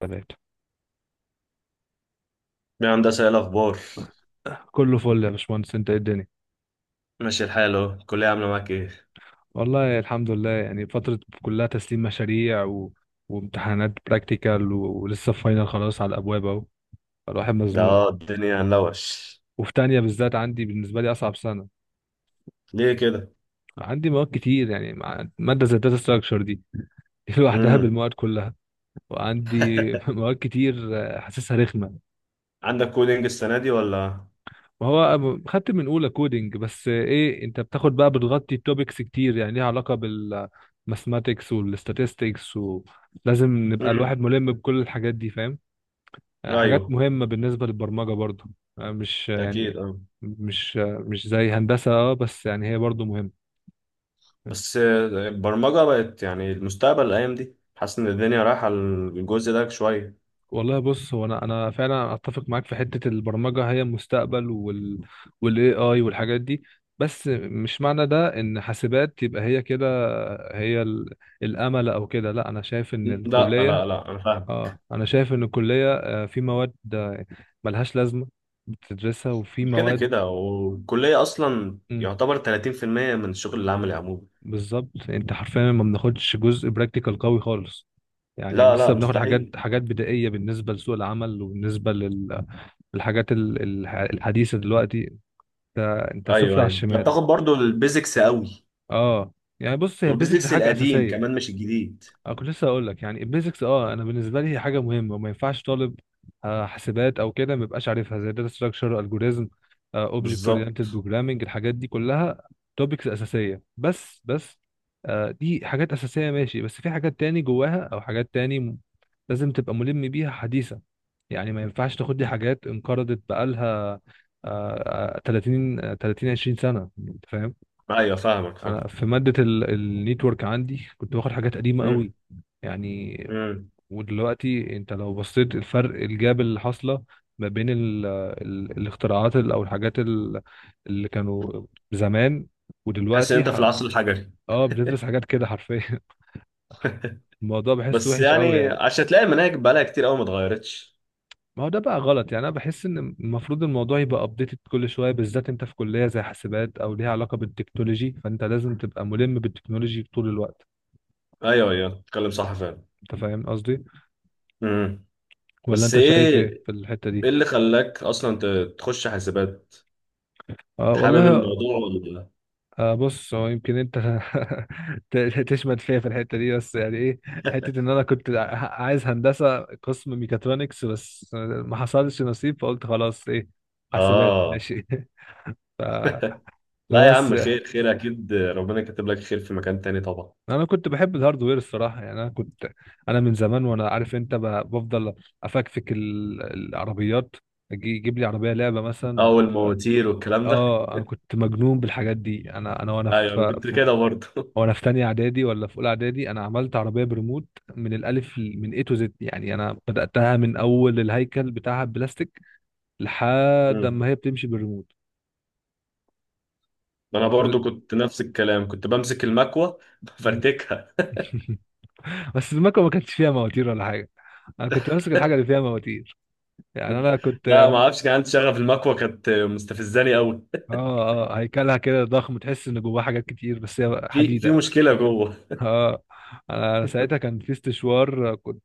تلاتة يا هندسة ايه الأخبار؟ كله فل يا باشمهندس انت ايه الدنيا. ماشي الحال اهو. الكلية عاملة معاك ايه؟ والله الحمد لله يعني فترة كلها تسليم مشاريع وامتحانات براكتيكال ولسه فاينل خلاص على الابواب اهو الواحد مزنوق. اه الدنيا هنلوش. وفي تانية بالذات عندي بالنسبة لي اصعب سنة. ليه كده؟ عندي مواد كتير يعني مادة زي الداتا ستراكشر دي لوحدها امم. بالمواد كلها. وعندي مواد كتير حاسسها رخمة. عندك كودينج السنة دي ولا؟ ما هو خدت من اولى كودينج، بس ايه، انت بتاخد بقى بتغطي توبكس كتير يعني ليها علاقه بالماثماتكس والستاتستكس، ولازم نبقى الواحد امم، ملم بكل الحاجات دي، فاهم؟ حاجات ايوه، مهمه بالنسبه للبرمجه برضه. مش أكيد، يعني اه. مش مش زي هندسه، اه، بس يعني هي برضه مهمه. بس البرمجة بقت يعني المستقبل الأيام دي، حاسس إن الدنيا رايحة الجزء ده شوية. والله بص، هو انا فعلا اتفق معاك في حته البرمجه هي المستقبل والاي اي والحاجات دي. بس مش معنى ده ان حاسبات يبقى هي كده هي الامل او كده، لا. انا شايف ان لا الكليه، لا لا، أنا فاهم. اه انا شايف ان الكليه، في مواد، ملهاش لازمه بتدرسها، وفي كده مواد كده، والكلية أصلا مم، يعتبر 30% من الشغل العملي عموما. بالظبط. انت حرفيا ما بناخدش جزء براكتيكال قوي خالص، يعني لا لسه لا، بناخد حاجات مستحيل. بدائية بالنسبة لسوق العمل وبالنسبة للحاجات الحديثة دلوقتي. انت انت صفر ايوه على ايوه، الشمال. بتاخد برضو البيزكس قوي. اه، يعني بص، هي بيزكس والبيزكس حاجة القديم كمان، أساسية. مش الجديد. أنا كنت لسه أقول لك، يعني البيزكس، أه، أنا بالنسبة لي هي حاجة مهمة، وما ينفعش طالب حاسبات أو كده ما يبقاش عارفها زي داتا ستراكشر، ألجوريزم، أوبجكت أورينتد بالظبط. بروجرامينج، الحاجات دي كلها توبكس أساسية. بس دي حاجات أساسية، ماشي، بس في حاجات تاني جواها أو حاجات تاني لازم تبقى ملم بيها، حديثة. يعني ما ينفعش تاخد دي حاجات انقرضت بقالها، آه، آه، 30 آه، 30 20 سنة أنت. ايوه، فاهمك فاهم. انا في ماده النيتورك عندي كنت باخد حاجات قديمه قوي مم. يعني. مم. ودلوقتي انت لو بصيت الفرق، الجاب اللي حاصله ما بين ال ال الاختراعات او الحاجات اللي كانوا زمان تحس ان ودلوقتي انت في العصر الحجري. اه، بتدرس حاجات كده حرفيا. الموضوع بحسه بس وحش قوي يعني يعني. عشان تلاقي المناهج بقالها كتير قوي ما اتغيرتش. ما هو ده بقى غلط، يعني انا بحس ان المفروض الموضوع يبقى ابديتد كل شويه، بالذات انت في كليه زي حاسبات او ليها علاقه بالتكنولوجي، فانت لازم تبقى ملم بالتكنولوجي طول الوقت. ايوه ايوه، تتكلم صح فعلا. انت فاهم قصدي؟ مم. ولا بس انت شايف ايه ايه، في الحتة ايه دي؟ اللي خلاك اصلا تخش حاسبات؟ اه حابب والله، الموضوع ولا؟ آه بص، هو يمكن انت ت- تشمت فيا في الحتة دي، بس يعني ايه، حتة ان انا كنت عايز هندسة قسم ميكاترونكس بس ما حصلش نصيب، فقلت خلاص، ايه، حاسبات اه. ماشي. ف... لا يا فبس، عم، خير خير، اكيد ربنا كاتب لك خير في مكان تاني طبعا. انا كنت بحب الهاردوير الصراحة، يعني انا كنت، انا من زمان وانا عارف انت بفضل افكفك العربيات، اجي يجيب لي عربية لعبة مثلا. اه، والمواتير والكلام ده. اه، انا كنت مجنون بالحاجات دي، انا انا وانا ايوه انا في كنت في كده برضه. وانا في تانية اعدادي ولا في اولى اعدادي انا عملت عربيه بريموت، من الالف من اي تو زد، يعني انا بداتها من اول الهيكل بتاعها بلاستيك لحد مم. ما هي بتمشي بالريموت. انا وكل برضه كنت نفس الكلام، كنت بمسك المكوه مم. بفرتكها. بس المكوه ما كانتش فيها مواتير ولا حاجه، انا كنت ماسك الحاجه اللي فيها مواتير، يعني انا كنت لا، ما اعرفش، كان عندي شغف، المكوة كانت مستفزاني قوي. اه اه، هيكلها كده ضخم تحس ان جواها حاجات كتير بس هي في حديده. مشكلة جوه. اه، انا ساعتها كان في استشوار، كنت،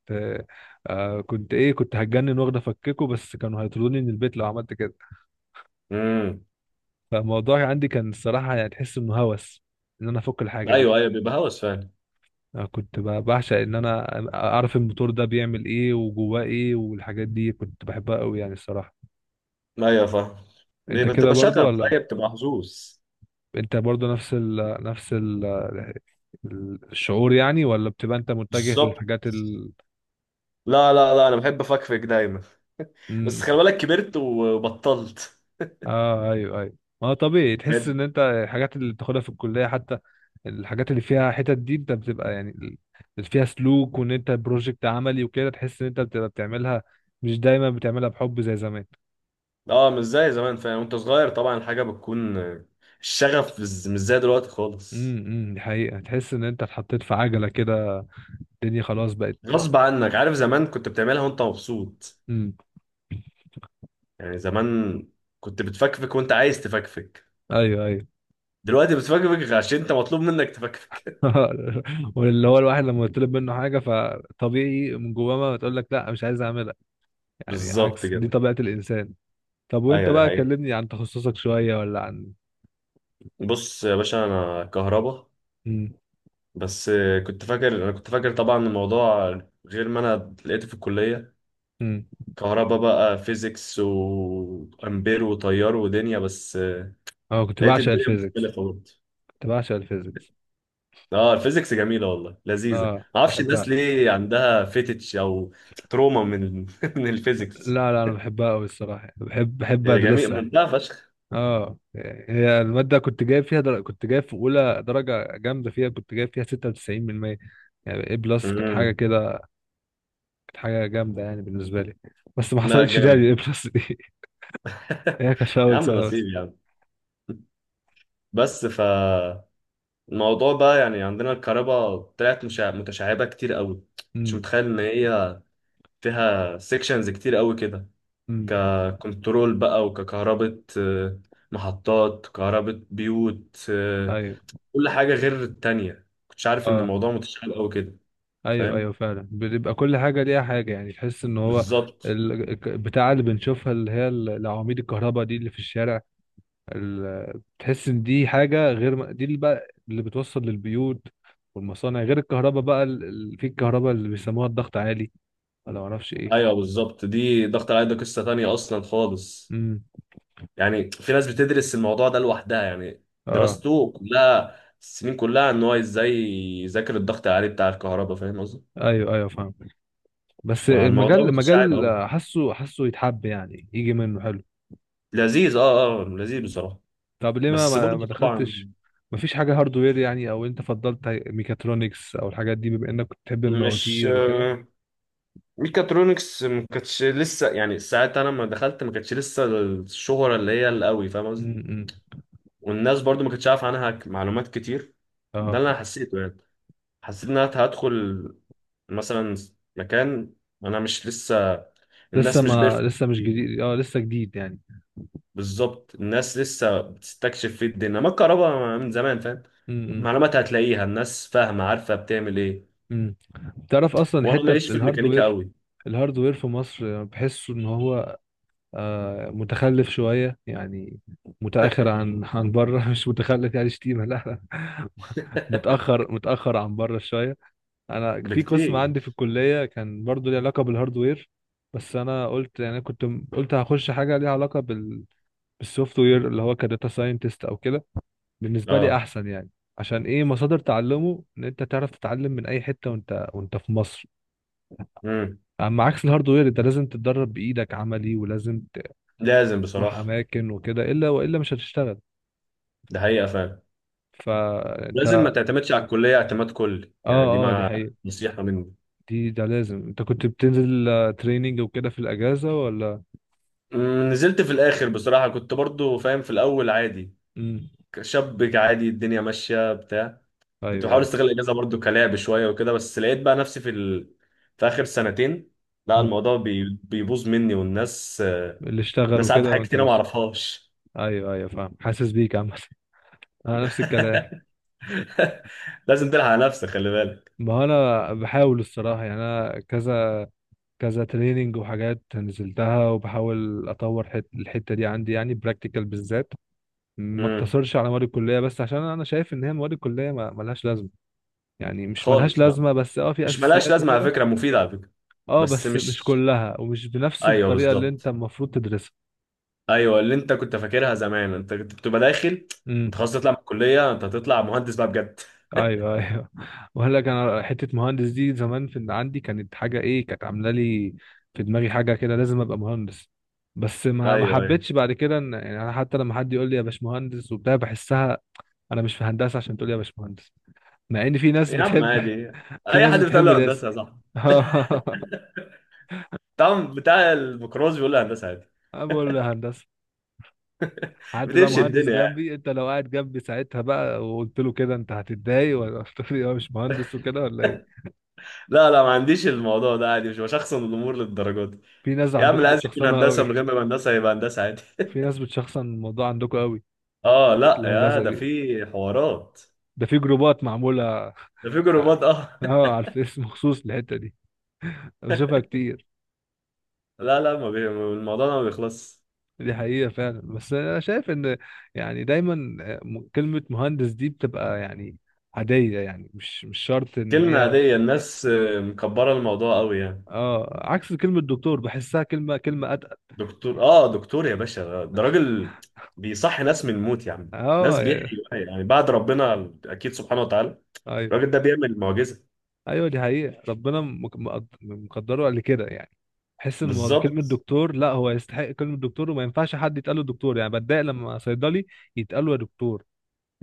آه، كنت ايه، كنت هتجنن واخده افككه، بس كانوا هيطردوني من البيت لو عملت كده. امم. فالموضوع عندي كان الصراحة يعني تحس انه هوس، ان انا افك الحاجة دي. ايوه ايوه، بيبقى هوس فعلا. انا كنت بعشق ان انا اعرف الموتور ده بيعمل ايه وجواه ايه، والحاجات دي كنت بحبها قوي يعني الصراحة. ايوه فاهم. انت بيبقى كده بتبقى برضو شغف، ولا؟ ايوه بتبقى حظوظ. انت برضو نفس ال نفس ال الشعور يعني، ولا بتبقى انت متجه بالظبط. للحاجات لا لا لا، انا بحب افكفك دايما. بس خلي بالك كبرت وبطلت. اه ايوه ايوه. ما هو طبيعي تحس بجد. ان انت الحاجات اللي بتاخدها في الكليه حتى، الحاجات اللي فيها حتت دي انت بتبقى يعني اللي فيها سلوك وان انت بروجكت عملي وكده، تحس ان انت بتبقى بتعملها، مش دايما بتعملها بحب زي زمان. اه، مش زي زمان فعلا، وانت صغير طبعا الحاجة بتكون، الشغف مش زي دلوقتي امم، خالص. دي حقيقه، تحس ان انت اتحطيت في عجله كده، الدنيا خلاص بقت غصب عنك، تمشي. عارف زمان كنت بتعملها وانت مبسوط. امم، يعني زمان كنت بتفكفك وانت عايز تفكفك. ايوه ايوه. دلوقتي بتفكفك عشان انت مطلوب منك تفكفك. واللي هو الواحد لما يطلب منه حاجه فطبيعي من جواه ما تقول لك لا، مش عايز اعملها، يعني بالظبط عكس دي كده. طبيعه الانسان. طب وانت ايوه، دي بقى حقيقة. كلمني عن تخصصك شوية ولا عن، بص يا باشا، انا كهربا. امم، بس كنت فاكر انا كنت فاكر طبعا الموضوع غير ما انا لقيته في الكلية. امم، كهربا بقى، فيزيكس وامبير وتيار ودنيا بس. اه، كنت لقيت بعشق الدنيا الفيزيكس، مختلفة برضه. كنت بعشق الفيزيكس. اه، الفيزيكس جميلة والله، لذيذة، ما اه اعرفش الناس بحبها. ليه عندها فيتش او تروما من من الفيزيكس. لا لا، انا بحبها قوي الصراحة، بحب هي جميل ادرسها. ممتعة فشخ. اه، هي المادة كنت جايب فيها كنت جايب في اولى درجة جامدة فيها، كنت جايب فيها 96%، يعني اي بلس، كانت حاجة امم. كده، كانت حاجة جامدة يعني بالنسبة لي. بس ما لا، حصلتش تاني جامد. الاي بلس دي. هي كانت في يا اول عم سنة نصيب بس. يا عم. بس فالموضوع بقى، يعني عندنا الكهرباء طلعت متشعبة كتير قوي. كنتش امم، متخيل ان هي فيها سيكشنز كتير قوي كده. امم، ككنترول بقى وككهرباء، محطات كهرباء بيوت، ايوه، كل حاجة غير التانية، كنتش عارف ان اه، الموضوع متشعب قوي كده. ايوه ايوه فاهم. فعلا، بيبقى كل حاجه ليها حاجه، يعني تحس ان هو بالظبط. بتاع اللي بنشوفها اللي هي العواميد الكهرباء دي اللي في الشارع، بتحس ان دي حاجه غير دي اللي بقى اللي بتوصل للبيوت والمصانع، غير الكهرباء بقى في الكهرباء اللي بيسموها الضغط عالي ولا معرفش ايه. ايوه بالظبط، دي ضغط العيد ده قصة تانية اصلا خالص. امم، يعني في ناس بتدرس الموضوع ده لوحدها، يعني اه دراسته كلها، السنين كلها، ان هو ازاي يذاكر الضغط العالي بتاع الكهرباء، فاهم قصدي. ايوه ايوه فاهم. بس المجال، فالموضوع متشعب المجال، قوي. حاسه يتحب، يعني يجي منه حلو. لذيذ، اه اه لذيذ بصراحة. طب ليه بس ما برضه طبعا، دخلتش، ما فيش حاجة هاردوير يعني، او انت فضلت ميكاترونكس او الحاجات دي بما انك كنت بتحب مش المواتير وكده؟ ميكاترونكس ما كانتش لسه يعني ساعتها، انا لما دخلت ما كانتش لسه الشهرة اللي هي القوي، فاهم قصدي. امم، والناس برضه ما كانتش عارف عنها معلومات كتير. ده اه، اللي انا حسيته يعني. حسيت ان انا هدخل مثلا مكان، انا مش لسه الناس مش بيرفكت لسه مش فيه. جديد، اه لسه جديد يعني. بالظبط، الناس لسه بتستكشف فيه، الدنيا ما الكهرباء من زمان فاهم. امم، المعلومات هتلاقيها الناس فاهمة عارفة بتعمل ايه. امم. تعرف اصلا وانا الحتة ماليش في الميكانيكا الهاردوير، قوي. الهاردوير في مصر بحسه ان هو آه متخلف شوية يعني، متأخر عن بره، مش متخلف يعني، شتيمة، لا لا. متأخر، متأخر عن بره شوية. انا في قسم بكتير. عندي في الكليه كان برضو ليه علاقه بالهاردوير، بس انا قلت يعني كنت قلت هخش حاجه ليها علاقه بالسوفت وير، اللي هو كداتا ساينتست او كده، بالنسبه لي اه. احسن يعني. عشان ايه، مصادر تعلمه، ان انت تعرف تتعلم من اي حته وانت في مصر. امم. اما عكس الهاردوير، انت لازم تتدرب بايدك عملي، ولازم لازم تروح بصراحة. اماكن وكده، الا والا مش هتشتغل. ده حقيقة فعلا. فانت لازم ما اه، تعتمدش على الكلية اعتماد كلي، يعني دي اه دي ما حقيقه، نصيحة مني. ده لازم. انت كنت بتنزل تريننج وكده في الاجازه ولا؟ نزلت في الاخر بصراحة، كنت برضو فاهم في الاول عادي، امم، شاب عادي الدنيا ماشيه بتاع. كنت ايوه بحاول ايوه، استغل الاجازه برضو كلعب شويه وكده، بس لقيت بقى نفسي في اخر سنتين. لا، الموضوع بيبوظ مني، والناس اللي اشتغل الناس عارفه وكده حاجات وانت كتير، أنا ما لسه. اعرفهاش. ايوه ايوه فاهم، حاسس بيك عامة. انا نفس الكلام. لازم تلحق على نفسك، خلي بالك. ما انا بحاول الصراحة، يعني انا كذا تريننج وحاجات نزلتها، وبحاول اطور الحتة دي عندي، يعني براكتيكال بالذات، ما امم. اقتصرش على مواد الكلية بس، عشان انا شايف ان هي مواد الكلية ما ملهاش لازمة، يعني مش ملهاش خالص بقى. لازمة بس، اه، في مش ملاش اساسيات لازمه على وكده، فكره، مفيده على فكره. اه بس بس مش مش، كلها ومش بنفس ايوه الطريقة اللي انت بالظبط. المفروض تدرسها. ايوه اللي انت كنت فاكرها زمان، انت كنت بتبقى داخل، امم. انت خلاص تطلع من الكليه، انت هتطلع مهندس بقى بجد. ايوه ايوه. وقال لك، انا حته مهندس دي زمان في عندي كانت حاجه، ايه، كانت عامله لي في دماغي حاجه كده، لازم ابقى مهندس. بس ما ما ايوه ايوه. حبيتش بعد كده، ان يعني انا حتى لما حد يقول لي يا باشمهندس وبتاع بحسها، انا مش في هندسه عشان تقول لي يا باشمهندس، مع ان في ناس يا عم بتحب. عادي. في اي ناس حد بتقول بتحب له الاسم. هندسه يا صاحبي، بتاع الميكروز بيقول له هندسه عادي. انا بقول له هندسه. حد بقى بتمشي مهندس الدنيا يعني. جنبي، انت لو قاعد جنبي ساعتها بقى وقلت له كده، انت هتتضايق ولا هتقول لي يا مش مهندس وكده ولا ايه؟ لا لا، ما عنديش الموضوع ده، عادي، مش بشخصن الامور للدرجه دي. في ناس يا عم عندكم اللي عايز يكون بتشخصنها هندسه قوي، من غير ما يبقى هندسه، يبقى هندسه عادي. في ناس بتشخصن الموضوع عندكم قوي، اه حتة لا يا، الهندسة ده دي في حوارات، ده في جروبات معمولة. ده في جروبات، اه. اه على الفيس مخصوص للحتة دي، انا بشوفها كتير. لا لا، ما الموضوع ده ما بيخلص. دي حقيقة فعلا، بس انا شايف ان، يعني دايما، كلمة مهندس دي بتبقى يعني عادية، يعني مش مش شرط ان كلمه هي، عاديه، الناس مكبره الموضوع قوي يعني. اه عكس كلمة دكتور بحسها كلمة، اتقل. دكتور، اه دكتور يا باشا، ده راجل بيصحي ناس من الموت، يا عم اه، ناس آه، بيحيوا يعني بعد ربنا اكيد سبحانه وتعالى. ايوه الراجل ده بيعمل معجزة. ايوه دي حقيقة، ربنا مقدره قبل كده يعني، حس ان الموضوع كلمة بالظبط. دكتور، لا هو يستحق كلمة دكتور، وما ينفعش حد يتقال له دكتور، يعني بتضايق لما صيدلي يتقال له يا دكتور،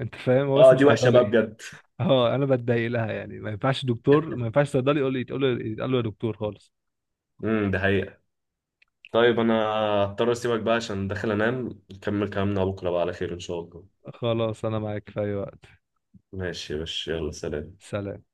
انت فاهم، هو اه اسمه دي وحشة بقى صيدلي. بجد. اه، انا بتضايق لها يعني، ما ينفعش دكتور، ما ينفعش صيدلي يقول لي يتقال له يا دكتور خالص. امم. ده حقيقة. طيب انا هضطر اسيبك بقى عشان داخل انام، نكمل كلامنا بكرة بقى على خير ان شاء الله. خلاص، انا معاك في اي وقت. ماشي يا باشا، يلا سلام. سلام.